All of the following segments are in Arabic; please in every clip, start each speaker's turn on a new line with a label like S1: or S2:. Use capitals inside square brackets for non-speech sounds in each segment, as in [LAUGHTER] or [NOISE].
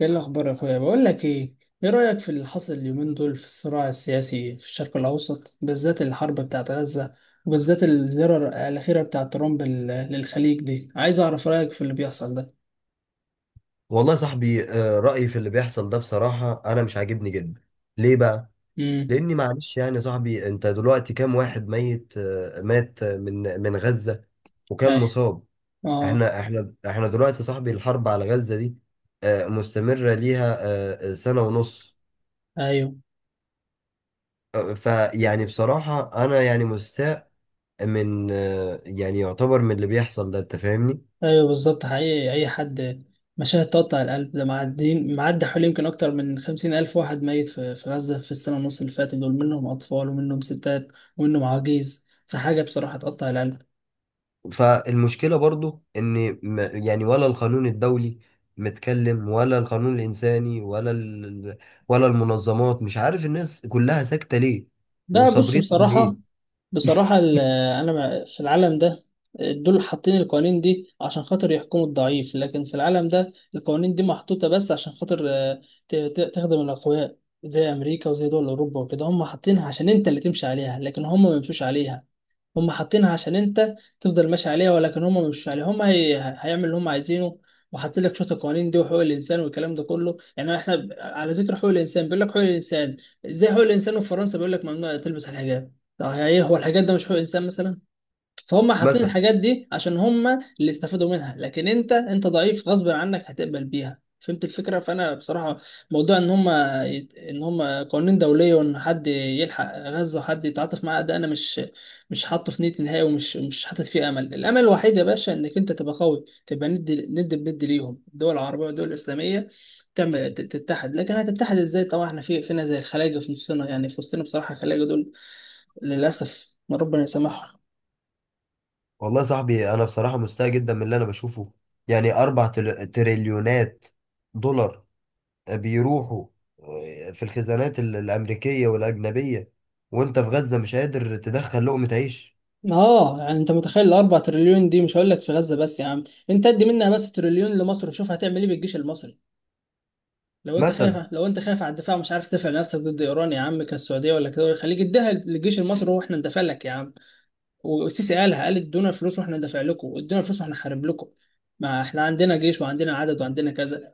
S1: ايه الاخبار يا اخويا؟ بقول لك ايه، ايه رايك في اللي حصل اليومين دول في الصراع السياسي في الشرق الاوسط، بالذات الحرب بتاعت غزه، وبالذات الزياره الاخيره بتاعت ترامب للخليج دي؟ عايز اعرف رايك في اللي بيحصل ده.
S2: والله يا صاحبي رأيي في اللي بيحصل ده بصراحة أنا مش عاجبني جدا. ليه بقى؟
S1: امم
S2: لأني معلش يعني يا صاحبي أنت دلوقتي كام واحد ميت مات من غزة وكام
S1: ايوه،
S2: مصاب؟
S1: اه،
S2: إحنا دلوقتي يا صاحبي الحرب على غزة دي مستمرة ليها سنة ونص.
S1: ايوه
S2: فيعني بصراحة أنا يعني مستاء من يعني يعتبر من اللي بيحصل ده. أنت فاهمني؟
S1: ايوه، بالظبط حقيقي. اي حد مشاهد تقطع القلب ده، معدين معدي حوالي يمكن اكتر من 50,000 واحد ميت في غزه في السنه ونص اللي فاتت، دول منهم اطفال ومنهم ستات ومنهم عواجيز، فحاجه بصراحه تقطع القلب.
S2: فالمشكلة برضو ان يعني ولا القانون الدولي متكلم، ولا القانون الانساني، ولا ولا المنظمات، مش عارف الناس كلها ساكتة ليه
S1: ده بص،
S2: وصابرين على
S1: بصراحة،
S2: ايه؟
S1: بصراحة ال- أنا في العالم ده دول حاطين القوانين دي عشان خاطر يحكموا الضعيف، لكن في العالم ده القوانين دي محطوطة بس عشان خاطر تخدم الأقوياء زي أمريكا وزي دول أوروبا وكده. هم حاطينها عشان أنت اللي تمشي عليها، لكن هم ما بيمشوش عليها. هم حاطينها عشان انت تفضل ماشي عليها، ولكن هم مش ماشيين عليها. هيعمل اللي هم عايزينه، وحاطين لك شويه القوانين دي وحقوق الانسان والكلام ده كله. يعني احنا على ذكر حقوق الانسان، بيقول لك حقوق الانسان. ازاي حقوق الانسان في فرنسا بيقول لك ممنوع تلبس الحجاب؟ طب هي ايه، هو الحجاب ده مش حقوق انسان مثلا؟ فهم حاطين
S2: مثلا
S1: الحاجات دي عشان هم اللي استفادوا منها، لكن انت ضعيف غصب عنك هتقبل بيها، فهمت الفكره؟ فانا بصراحه موضوع ان ان هم قوانين دوليه، وان حد يلحق غزه وحد يتعاطف معاه، ده انا مش حاطه في نيتي نهائي، ومش مش حاطط فيه امل. الامل الوحيد يا باشا انك انت تبقى قوي، تبقى ند ند بند ليهم، الدول العربيه والدول الاسلاميه تعمل تتحد. لكن هتتحد ازاي، طبعا احنا في فينا زي الخلايجه في نصنا، يعني في وسطنا بصراحه الخلايجه دول للاسف ربنا يسامحهم.
S2: والله يا صاحبي انا بصراحة مستاء جدا من اللي انا بشوفه. يعني اربع تريليونات دولار بيروحوا في الخزانات الامريكية والاجنبية وانت في غزة مش قادر تدخل لقمة عيش.
S1: اه يعني انت متخيل الاربع تريليون دي، مش هقول لك في غزه بس يا عم، انت ادي منها بس تريليون لمصر وشوف هتعمل ايه بالجيش المصري. لو انت خايف،
S2: مثلا
S1: لو انت خايف على الدفاع مش عارف تدافع نفسك ضد ايران يا عم، كالسعوديه ولا كده، خليك اديها للجيش المصري واحنا ندافع لك يا عم. والسيسي قالها، قال ادونا الفلوس واحنا ندافع لكم، ادونا الفلوس واحنا نحارب لكم. ما احنا عندنا جيش وعندنا عدد وعندنا كذا،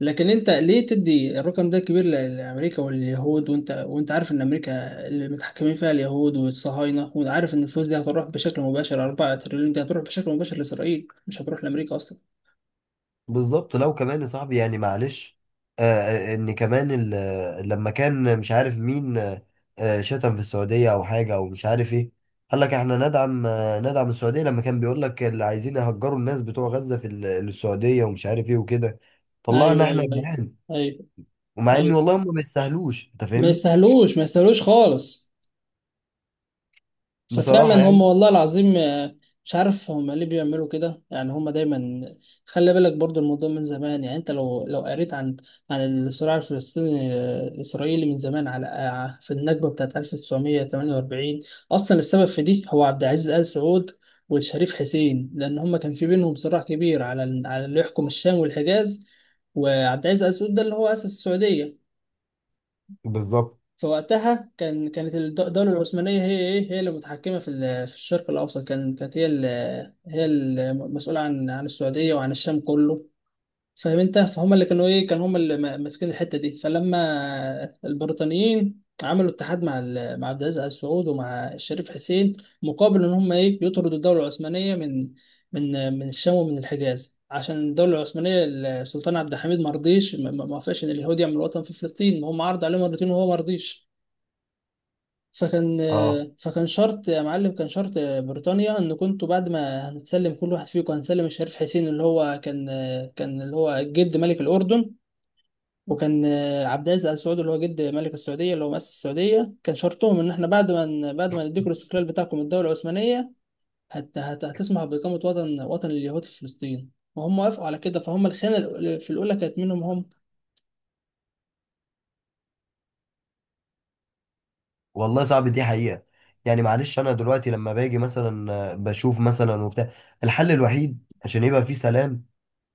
S1: لكن انت ليه تدي الرقم ده كبير لامريكا واليهود، وانت عارف ان امريكا اللي متحكمين فيها اليهود والصهاينه، وعارف ان الفلوس دي هتروح بشكل مباشر، 4 تريليون دي هتروح بشكل مباشر لاسرائيل مش هتروح لامريكا اصلا.
S2: بالظبط. لو كمان يا صاحبي يعني معلش، آه ان كمان لما كان مش عارف مين، شتم في السعوديه او حاجه او مش عارف ايه، قال لك احنا ندعم، ندعم السعوديه. لما كان بيقول لك اللي عايزين يهجروا الناس بتوع غزه في السعوديه ومش عارف ايه وكده، طلعنا
S1: ايوه،
S2: احنا
S1: ايوه ايوه،
S2: بنعان،
S1: ايوه،
S2: ومع ان
S1: ايوه.
S2: والله هم ما يستاهلوش. انت
S1: ما
S2: فاهمني؟
S1: يستاهلوش، ما يستاهلوش خالص. ففعلا
S2: بصراحه
S1: هم
S2: يعني.
S1: والله العظيم مش عارف هم ليه بيعملوا كده، يعني هم دايما. خلي بالك برضو الموضوع من زمان، يعني انت لو قريت عن الصراع الفلسطيني الاسرائيلي من زمان، على في النكبه بتاعت 1948 اصلا، السبب في دي هو عبد العزيز ال سعود والشريف حسين، لان هم كان في بينهم صراع كبير على على اللي يحكم الشام والحجاز. وعبد العزيز ال سعود ده اللي هو اسس السعوديه.
S2: بالظبط.
S1: فوقتها كانت الدولة العثمانية هي هي اللي متحكمة في الشرق الأوسط. كانت هي هي المسؤولة عن السعودية وعن الشام كله. فاهم انت؟ فهم اللي كانوا ايه، كانوا هم اللي ماسكين الحتة دي. فلما البريطانيين عملوا اتحاد مع عبد العزيز آل سعود ومع الشريف حسين، مقابل ان هم ايه، يطردوا الدولة العثمانية من من الشام ومن الحجاز، عشان الدولة العثمانية السلطان عبد الحميد ما رضيش، ما وافقش ان اليهود يعملوا وطن في فلسطين. هم عرضوا عليه مرتين وهو ما رضيش. فكان
S2: اه
S1: فكان شرط يا معلم، كان شرط بريطانيا ان كنتوا بعد ما هنتسلم كل واحد فيكم، هنسلم الشريف حسين اللي هو كان، كان اللي هو جد ملك الاردن، وكان عبد العزيز ال سعود اللي هو جد ملك السعوديه اللي هو مؤسس السعوديه، كان شرطهم ان احنا بعد ما بعد ما نديكم الاستقلال بتاعكم من الدوله العثمانيه، هت هت هتسمح باقامه وطن لليهود في فلسطين. وهم وافقوا على كده، فهم الخيانه في الاولى كانت منهم هم.
S2: والله صعب دي حقيقه. يعني معلش انا دلوقتي لما باجي مثلا بشوف مثلا وبتاع، الحل الوحيد عشان يبقى في سلام،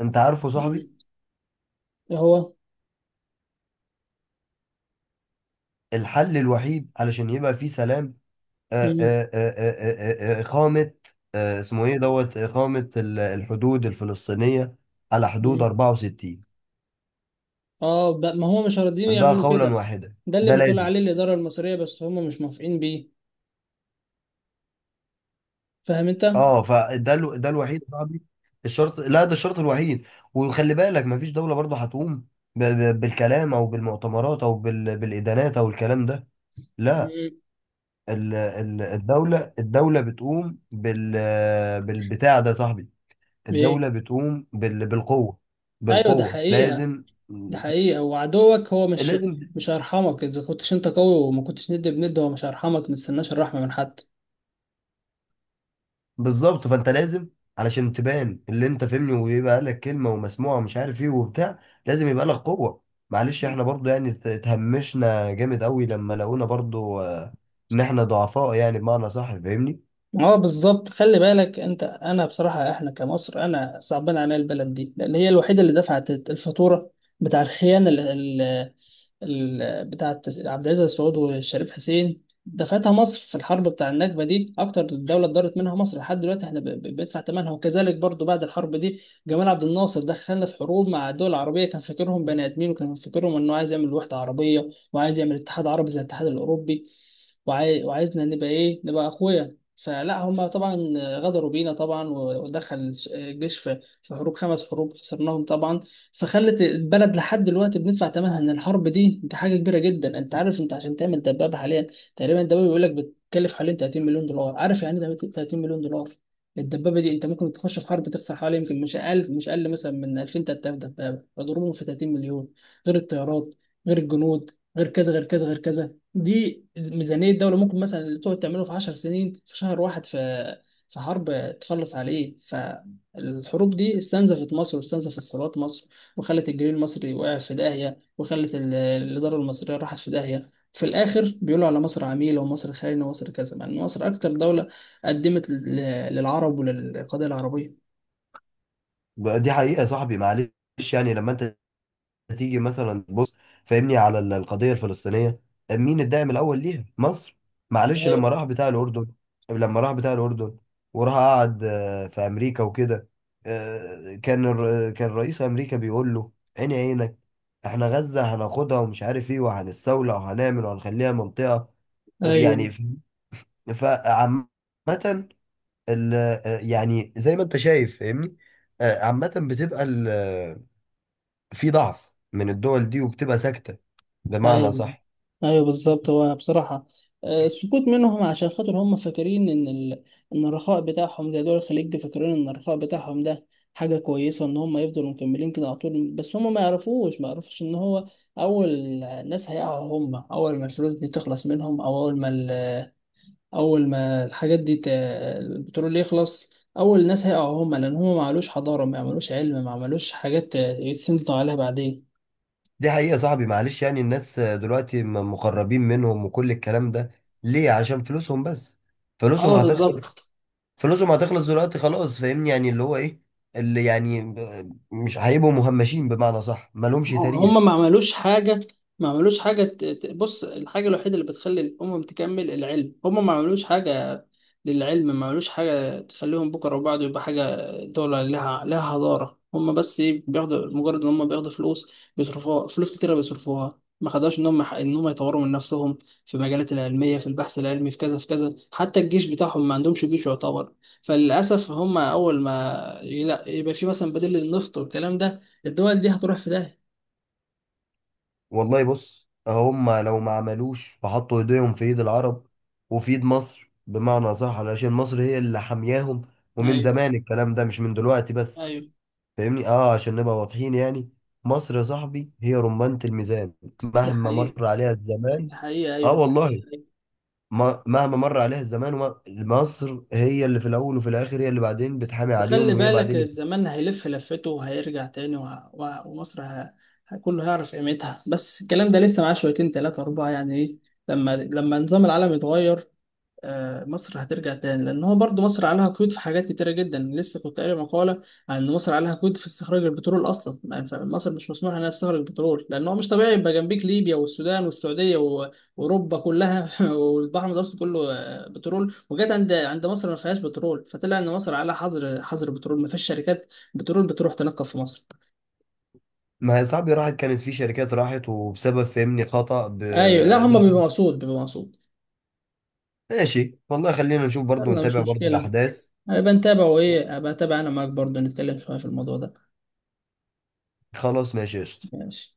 S2: انت عارفه
S1: مم.
S2: صاحبي،
S1: هو
S2: الحل الوحيد علشان يبقى فيه سلام
S1: مم.
S2: إقامة، اسمه ايه دوت، إقامة الحدود الفلسطينية على حدود 64.
S1: اه، ما هو مش راضيين
S2: ده
S1: يعملوا
S2: قولا
S1: كده.
S2: واحدا
S1: ده
S2: ده
S1: اللي بتقول
S2: لازم.
S1: عليه الإدارة المصرية، بس هم مش موافقين بيه، فاهم انت؟
S2: اه فده ده الوحيد يا صاحبي الشرط. لا ده الشرط الوحيد. وخلي بالك مفيش دولة برضه هتقوم بالكلام او بالمؤتمرات او بالإدانات او الكلام ده. لا،
S1: مم.
S2: الدولة بتقوم بال، بالبتاع ده يا صاحبي.
S1: ايه،
S2: الدولة بتقوم بالقوة.
S1: ايوه ده
S2: بالقوة
S1: حقيقة.
S2: لازم.
S1: ده حقيقة، وعدوك هو
S2: لازم.
S1: مش هيرحمك اذا كنتش انت قوي وما كنتش ند بند، هو مش هيرحمك، ما تستناش الرحمة من حد.
S2: بالظبط. فانت لازم علشان تبان اللي انت فهمني ويبقى لك كلمة ومسموعة ومش عارف ايه وبتاع، لازم يبقى لك قوة. معلش احنا برضو يعني اتهمشنا جامد قوي لما لقونا برضو ان احنا ضعفاء يعني بمعنى صح. فاهمني؟
S1: اه بالظبط. خلي بالك انت، انا بصراحه احنا كمصر، انا صعبان عليا البلد دي، لان هي الوحيده اللي دفعت الفاتوره بتاع الخيانه بتاعت عبد العزيز السعود والشريف حسين. دفعتها مصر في الحرب بتاع النكبه دي، اكتر دوله اتضرت منها مصر لحد دلوقتي، احنا بندفع ثمنها. وكذلك برضو بعد الحرب دي جمال عبد الناصر دخلنا في حروب مع الدول العربيه، كان فاكرهم بني ادمين، وكان فاكرهم انه عايز يعمل وحده عربيه، وعايز يعمل اتحاد عربي زي الاتحاد الاوروبي، وعايزنا نبقى ايه، نبقى اقوياء. فلا هم طبعا غدروا بينا طبعا، ودخل الجيش في حروب، 5 حروب خسرناهم طبعا. فخلت البلد لحد دلوقتي بندفع ثمنها، ان الحرب دي حاجه كبيره جدا. انت عارف انت عشان تعمل دبابه حاليا تقريبا، الدبابه بيقول لك بتكلف حوالين 30 مليون دولار؟ عارف يعني ايه 30 مليون دولار؟ الدبابه دي انت ممكن تخش في حرب تخسر حوالي يمكن مش اقل مثلا من 2000 3000 دبابه، اضربهم في 30 مليون، غير الطيارات، غير الجنود، غير كذا غير كذا غير كذا. دي ميزانية دولة ممكن مثلا اللي تقعد تعمله في 10 سنين، في شهر واحد في في حرب تخلص عليه. فالحروب دي استنزفت مصر واستنزفت ثروات مصر، وخلت الجنيه المصري وقع في داهية، وخلت الإدارة المصرية راحت في داهية. في الآخر بيقولوا على مصر عميلة ومصر خاينة ومصر كذا، مع إن مصر أكتر دولة قدمت للعرب وللقضية العربية.
S2: بقى دي حقيقة يا صاحبي. معلش يعني لما انت هتيجي مثلا بص، فاهمني، على القضية الفلسطينية مين الداعم الأول ليها؟ مصر. معلش لما
S1: أيوة،
S2: راح بتاع الأردن، لما راح بتاع الأردن وراح قعد في أمريكا وكده، كان رئيس أمريكا بيقول له عيني عينك، احنا غزة هناخدها ومش عارف ايه، وهنستولى وهنعمل وهنخليها منطقة يعني
S1: ايوه،
S2: فعامة يعني زي ما انت شايف. فاهمني؟ عامة بتبقى في ضعف من الدول دي وبتبقى ساكتة، بمعنى
S1: ايوه
S2: صح.
S1: ايوه بالظبط. هو بصراحه السكوت منهم عشان خاطر هم فاكرين ان الرخاء بتاعهم، زي دول الخليج دي، فاكرين ان الرخاء بتاعهم ده حاجه كويسه ان هم يفضلوا مكملين كده على طول. بس هم ما يعرفوش ان هو اول ناس هيقعوا هم، اول ما الفلوس دي تخلص منهم، او اول ما الحاجات البترول يخلص، اول ناس هيقعوا هم، لان هم ما عملوش حضاره، ما عملوش علم، ما عملوش حاجات يتسندوا عليها بعدين.
S2: دي حقيقة يا صاحبي معلش. يعني الناس دلوقتي مقربين منهم وكل الكلام ده ليه؟ عشان فلوسهم بس. فلوسهم
S1: اه
S2: هتخلص.
S1: بالظبط.
S2: فلوسهم هتخلص دلوقتي خلاص. فاهمني يعني اللي هو ايه، اللي يعني مش هيبقوا مهمشين، بمعنى صح مالهمش تاريخ.
S1: هم ما عملوش حاجة، ما عملوش حاجة، بص الحاجة الوحيدة اللي بتخلي الأمم تكمل العلم، هم ما عملوش حاجة للعلم، ما عملوش حاجة تخليهم بكرة وبعد يبقى حاجة، دولة لها حضارة. هم بس إيه، بياخدوا، مجرد إن هم بياخدوا فلوس بيصرفوها، فلوس كتيرة بيصرفوها، ما خدوش إن هم يطوروا من نفسهم في المجالات العلمية، في البحث العلمي، في كذا في كذا، حتى الجيش بتاعهم ما عندهمش جيش يعتبر. فللأسف هم أول ما يبقى في مثلا بديل للنفط والكلام ده، الدول دي هتروح في ده.
S2: والله بص، هم لو ما عملوش وحطوا ايديهم في ايد العرب وفي ايد مصر، بمعنى صح، علشان مصر هي اللي حامياهم، ومن
S1: ايوه،
S2: زمان الكلام ده مش من دلوقتي بس.
S1: ايوه
S2: فاهمني؟ اه عشان نبقى واضحين يعني، مصر يا صاحبي هي رمانة الميزان
S1: ده
S2: مهما
S1: حقيقي،
S2: مر عليها الزمان.
S1: ده حقيقي
S2: اه
S1: ايوه، ده
S2: والله،
S1: حقيقي أيوة.
S2: مهما مر عليها الزمان، مصر هي اللي في الاول وفي الاخر، هي اللي بعدين بتحامي
S1: وخلي
S2: عليهم وهي
S1: بالك،
S2: بعدين
S1: الزمان هيلف لفته وهيرجع تاني، ومصر كله هيعرف قيمتها. بس الكلام ده لسه معاه شويتين، تلاتة أربعة يعني إيه، لما نظام العالم يتغير مصر هترجع تاني. لان هو برضو مصر عليها قيود في حاجات كتيره جدا، لسه كنت قاري مقاله عن ان مصر عليها قيود في استخراج البترول اصلا. يعني مصر مش مسموح انها تستخرج بترول، لان هو مش طبيعي يبقى جنبيك ليبيا والسودان والسعوديه واوروبا كلها [LAUGHS] والبحر المتوسط كله بترول، وجت عند مصر ما فيهاش بترول؟ فطلع ان مصر عليها حظر، حظر بترول، ما فيش شركات بترول بتروح تنقب في مصر.
S2: ما هي صاحبي راحت، كانت في شركات راحت وبسبب فهمني خطأ
S1: ايوه، لا هم
S2: دخل.
S1: بيبقوا مقصود، بيبقوا مقصود.
S2: ماشي والله، خلينا نشوف برضو
S1: يلا مش
S2: ونتابع برضو
S1: مشكله،
S2: الاحداث.
S1: هبقى نتابع. وايه، هبقى اتابع انا معاك برضه، نتكلم شويه في الموضوع ده.
S2: خلاص ماشي قشطة.
S1: ماشي.